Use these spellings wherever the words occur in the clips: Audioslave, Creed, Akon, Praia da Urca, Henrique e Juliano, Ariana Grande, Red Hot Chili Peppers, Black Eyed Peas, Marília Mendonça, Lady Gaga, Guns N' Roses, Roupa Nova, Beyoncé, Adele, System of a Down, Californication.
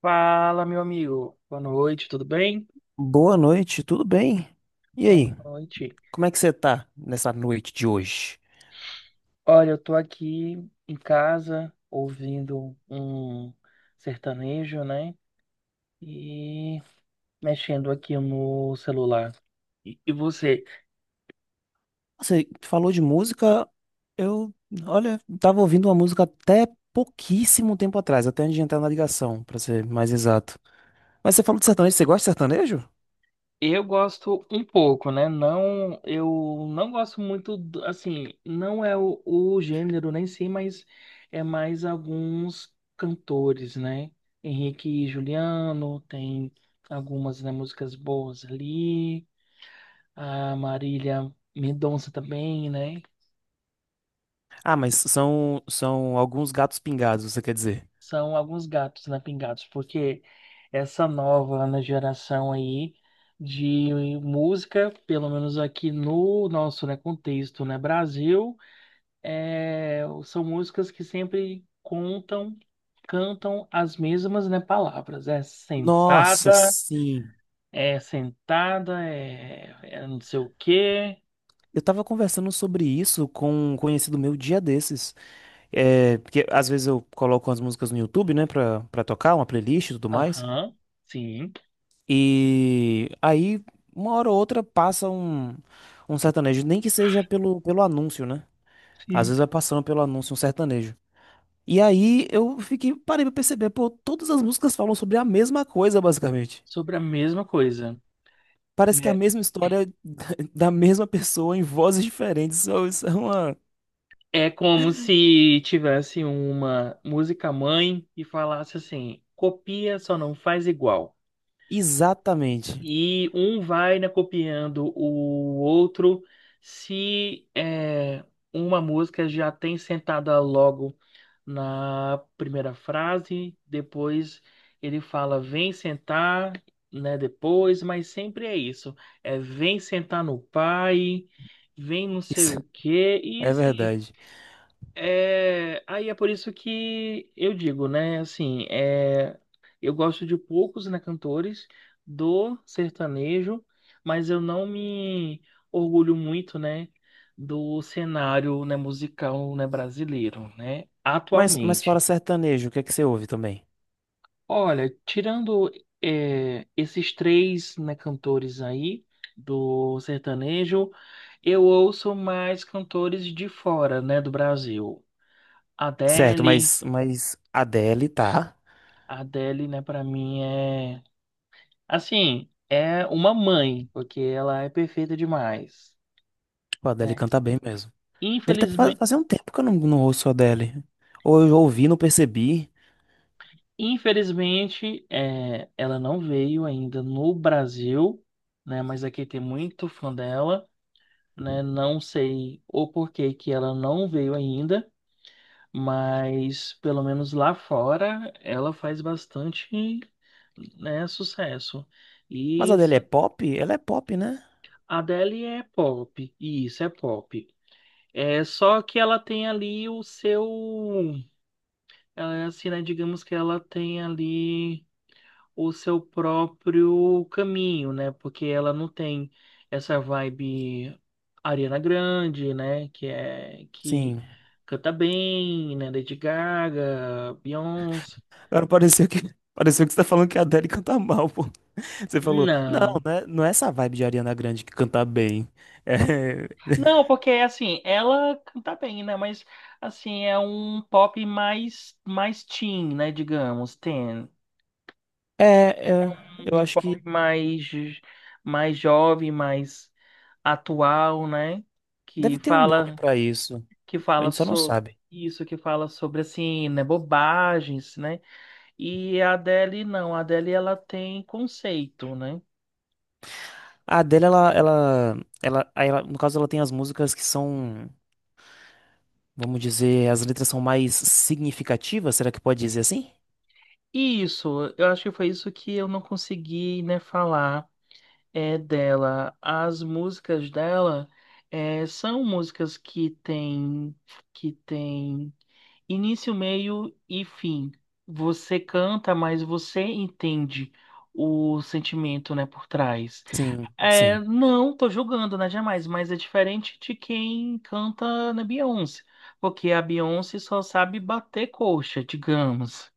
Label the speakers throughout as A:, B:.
A: Fala, meu amigo. Boa noite, tudo bem?
B: Boa noite, tudo bem? E
A: Boa
B: aí,
A: noite.
B: como é que você tá nessa noite de hoje?
A: Olha, eu tô aqui em casa ouvindo um sertanejo, né? E mexendo aqui no celular. E você?
B: Você falou de música, eu, olha, tava ouvindo uma música até pouquíssimo tempo atrás, até antes de entrar na ligação, pra ser mais exato. Mas você falou de sertanejo, você gosta de sertanejo?
A: Eu gosto um pouco, né? Não, eu não gosto muito, do- assim, não é o gênero nem sei, mas é mais alguns cantores, né? Henrique e Juliano, tem algumas, né, músicas boas ali. A Marília Mendonça também, né?
B: Ah, mas são, são alguns gatos pingados, você quer dizer?
A: São alguns gatos, né, pingados, porque essa nova, né, geração aí de música, pelo menos aqui no nosso, né, contexto, né, Brasil é, são músicas que sempre contam, cantam as mesmas, né, palavras. É
B: Nossa,
A: sentada,
B: sim.
A: é sentada, é, é não sei o quê.
B: Eu tava conversando sobre isso com um conhecido meu dia desses. É, porque às vezes eu coloco as músicas no YouTube, né, pra tocar, uma playlist e tudo mais.
A: Aham, sim,
B: E aí, uma hora ou outra, passa um, um sertanejo, nem que seja pelo, pelo anúncio, né? Às vezes
A: sim.
B: vai passando pelo anúncio um sertanejo. E aí eu fiquei, parei pra perceber, pô, todas as músicas falam sobre a mesma coisa, basicamente.
A: Sobre a mesma coisa.
B: Parece que é a
A: É,
B: mesma história da mesma pessoa em vozes diferentes. Isso é uma.
A: é como se tivesse uma música mãe e falasse assim, copia, só não faz igual.
B: Exatamente.
A: E um vai, né, copiando o outro. Se é, uma música já tem sentada logo na primeira frase, depois ele fala vem sentar, né, depois, mas sempre é isso. É vem sentar no pai, vem não sei
B: Isso
A: o quê, e
B: é
A: assim.
B: verdade.
A: É, aí é por isso que eu digo, né? Assim, é, eu gosto de poucos, né, cantores do sertanejo, mas eu não me orgulho muito, né, do cenário, né, musical, né, brasileiro, né,
B: Mas
A: atualmente.
B: fora sertanejo, o que é que você ouve também?
A: Olha, tirando é, esses três, né, cantores aí do sertanejo, eu ouço mais cantores de fora, né, do Brasil.
B: Certo,
A: Adele.
B: mas Adele tá.
A: A Adele, né, pra mim é. Assim, é uma mãe, porque ela é perfeita demais,
B: Tipo, a Adele
A: né?
B: canta bem mesmo. Adele tá faz,
A: Infelizme...
B: fazia um tempo que eu não ouço a Adele. Ou eu ouvi, não percebi.
A: Infelizmente, é, ela não veio ainda no Brasil, né? Mas aqui tem muito fã dela, né? Não sei o porquê que ela não veio ainda, mas pelo menos lá fora ela faz bastante, né, sucesso.
B: Mas
A: E
B: a Adele é
A: isso-
B: pop? Ela é pop, né?
A: a Adele é pop, e isso é pop. É só que ela tem ali o seu, ela é assim, né? Digamos que ela tem ali o seu próprio caminho, né? Porque ela não tem essa vibe Ariana Grande, né? Que é que
B: Sim.
A: canta bem, né? Lady Gaga, Beyoncé.
B: Agora pareceu que, pareceu que você tá falando que a Adele canta mal, pô. Você falou, não,
A: Não,
B: né? Não é essa vibe de Ariana Grande que canta bem.
A: não, porque assim, ela canta bem, né? Mas assim, é um pop mais teen, né? Digamos, teen.
B: É, é, é, eu
A: Um
B: acho que.
A: pop mais, mais jovem, mais atual, né? Que
B: Deve ter um nome
A: fala,
B: pra isso.
A: que
B: A
A: fala
B: gente só não
A: sobre
B: sabe.
A: isso, que fala sobre assim, né, bobagens, né? E a Adele não, a Adele ela tem conceito, né?
B: A Adele, ela, aí ela- no caso, ela tem as músicas que são, vamos dizer, as letras são mais significativas, será que pode dizer assim?
A: E isso, eu acho que foi isso que eu não consegui, né, falar é dela. As músicas dela é, são músicas que tem Início, meio e fim. Você canta, mas você entende o sentimento, né, por trás.
B: Sim,
A: É,
B: sim.
A: não, tô julgando, né, jamais, mas é diferente de quem canta na Beyoncé, porque a Beyoncé só sabe bater coxa, digamos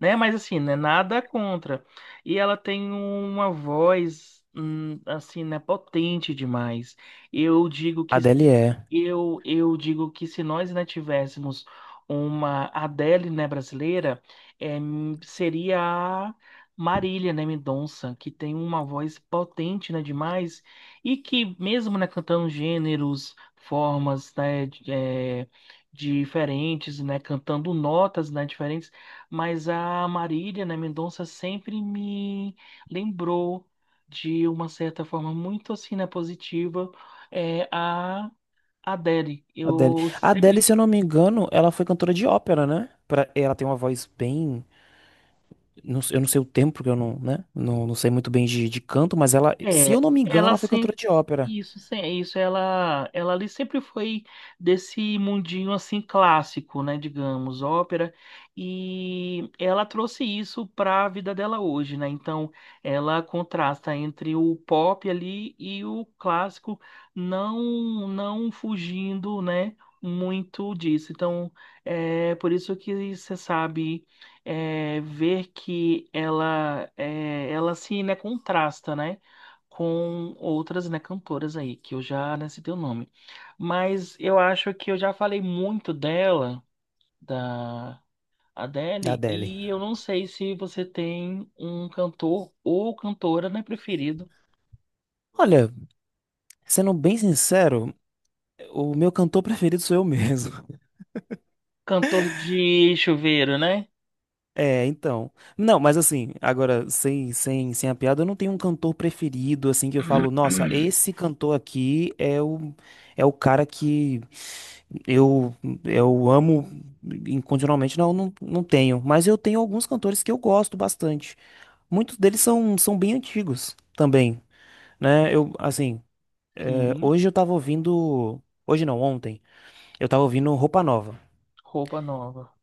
A: né? Mas assim, né? Nada contra. E ela tem uma voz, assim, né? Potente demais. Eu digo
B: A
A: que
B: Adele
A: se-
B: é.
A: eu digo que se nós, né, tivéssemos uma Adele, né, brasileira, eh, seria a Marília, né, Mendonça, que tem uma voz potente, né, demais e que mesmo, né, cantando gêneros, formas, né, de- diferentes, né, cantando notas, né, diferentes mas a Marília, né, Mendonça sempre me lembrou de uma certa forma muito assim, né, positiva, é, a Adele.
B: Adele.
A: Eu
B: A Adele,
A: sempre
B: se eu não me engano, ela foi cantora de ópera, né? Pra- Ela tem uma voz bem. Não sei- eu não sei o tempo, porque eu não, né? Não, não sei muito bem de canto, mas ela, se
A: é,
B: eu não me engano,
A: ela
B: ela foi cantora
A: sempre
B: de ópera
A: isso, se- isso ela ali sempre foi desse mundinho assim clássico, né, digamos, ópera, e ela trouxe isso para a vida dela hoje, né? Então, ela contrasta entre o pop ali e o clássico, não fugindo, né, muito disso. Então, é por isso que você sabe é, ver que ela é, ela se, né, contrasta, né? Com outras, né, cantoras aí, que eu já né, citei o nome. Mas eu acho que eu já falei muito dela, da
B: da
A: Adele,
B: Adele.
A: e eu não sei se você tem um cantor ou cantora, né, preferido.
B: Olha, sendo bem sincero, o meu cantor preferido sou eu mesmo.
A: Cantor de chuveiro, né?
B: É, então. Não, mas assim, agora, sem a piada, eu não tenho um cantor preferido, assim, que eu falo, nossa, esse cantor aqui é o, é o cara que. Eu, eu amo incondicionalmente, não tenho. Mas eu tenho alguns cantores que eu gosto bastante. Muitos deles são, são bem antigos também, né? Eu, assim, é,
A: Sim,
B: hoje eu tava ouvindo. Hoje não, ontem. Eu tava ouvindo Roupa Nova.
A: roupa nova.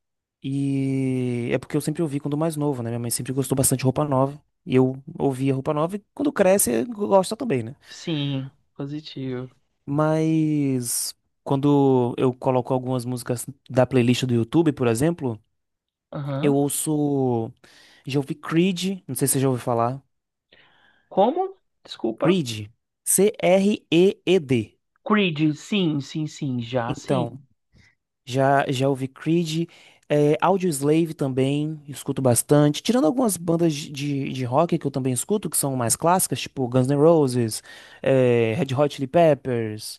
B: E é porque eu sempre ouvi quando mais novo, né? Minha mãe sempre gostou bastante de Roupa Nova. E eu ouvia Roupa Nova e quando cresce, gosta também, né?
A: Sim, positivo.
B: Mas quando eu coloco algumas músicas da playlist do YouTube, por exemplo. Eu
A: Aham.
B: ouço. Já ouvi Creed, não sei se você já ouviu falar.
A: Como? Desculpa.
B: Creed. Creed.
A: Creed, sim, sim, sim, já sim.
B: Então, já ouvi Creed. É, Audioslave também, escuto bastante. Tirando algumas bandas de rock que eu também escuto, que são mais clássicas, tipo Guns N' Roses, é, Red Hot Chili Peppers.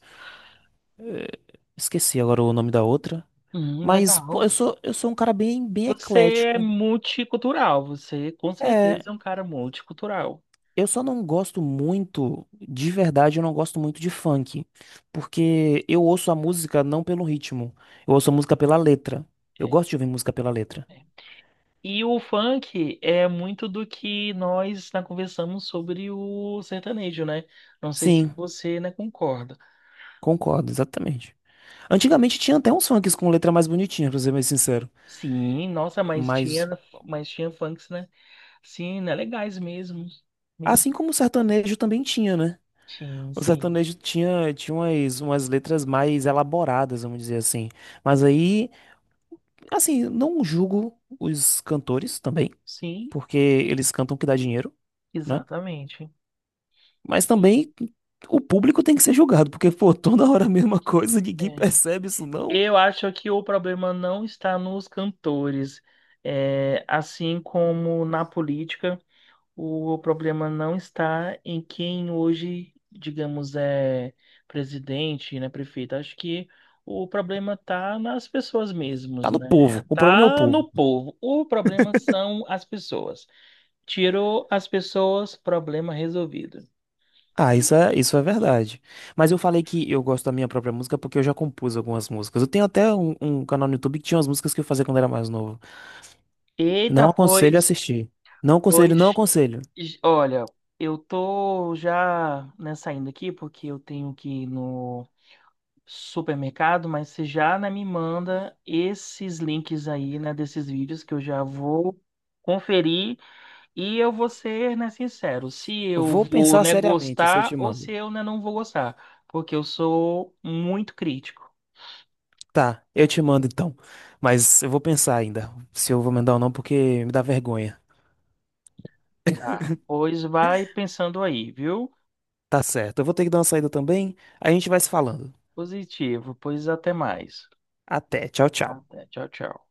B: Esqueci agora o nome da outra. Mas, pô,
A: Legal.
B: eu sou um cara bem
A: Você é
B: eclético.
A: multicultural, você com
B: É,
A: certeza é um cara multicultural.
B: eu só não gosto muito, de verdade, eu não gosto muito de funk, porque eu ouço a música não pelo ritmo, eu ouço a música pela letra. Eu
A: É,
B: gosto de ouvir música pela letra.
A: é. E o funk é muito do que nós né, conversamos sobre o sertanejo, né? Não sei se
B: Sim,
A: você, né, concorda.
B: concordo, exatamente. Antigamente tinha até uns funks com letra mais bonitinha, pra ser mais sincero.
A: Sim, nossa,
B: Mas,
A: mas tinha funks, né? Sim, né, legais mesmo, mesmo.
B: assim como o sertanejo também tinha, né?
A: Sim,
B: O
A: sim,
B: sertanejo tinha, tinha umas, umas letras mais elaboradas, vamos dizer assim. Mas aí, assim, não julgo os cantores também,
A: sim,
B: porque eles cantam o que dá dinheiro, né?
A: exatamente.
B: Mas
A: E,
B: também o público tem que ser julgado, porque, pô, toda hora a mesma coisa, ninguém
A: é.
B: percebe isso, não.
A: Eu acho que o problema não está nos cantores. É, assim como na política, o problema não está em quem hoje, digamos, é presidente, né, prefeito. Acho que o problema está nas pessoas mesmas,
B: Tá no
A: né?
B: povo. O problema é o
A: Tá
B: povo.
A: no povo. O problema são as pessoas. Tirou as pessoas, problema resolvido.
B: Ah, isso é verdade. Mas eu falei que eu gosto da minha própria música porque eu já compus algumas músicas. Eu tenho até um canal no YouTube que tinha umas músicas que eu fazia quando era mais novo.
A: Eita,
B: Não aconselho a
A: pois,
B: assistir. Não aconselho, não
A: pois
B: aconselho.
A: Olha, eu tô já, né, saindo aqui porque eu tenho que ir no supermercado, mas você já, né, me manda esses links aí, né, desses vídeos que eu já vou conferir e eu vou ser, né, sincero, se eu
B: Vou
A: vou,
B: pensar
A: né,
B: seriamente se eu
A: gostar
B: te
A: ou
B: mando.
A: se eu, né, não vou gostar, porque eu sou muito crítico,
B: Tá, eu te mando então. Mas eu vou pensar ainda se eu vou mandar ou não, porque me dá vergonha.
A: tá? Pois vai pensando aí, viu?
B: Tá certo. Eu vou ter que dar uma saída também. A gente vai se falando.
A: Positivo, pois até mais.
B: Até. Tchau, tchau.
A: Até, tchau, tchau.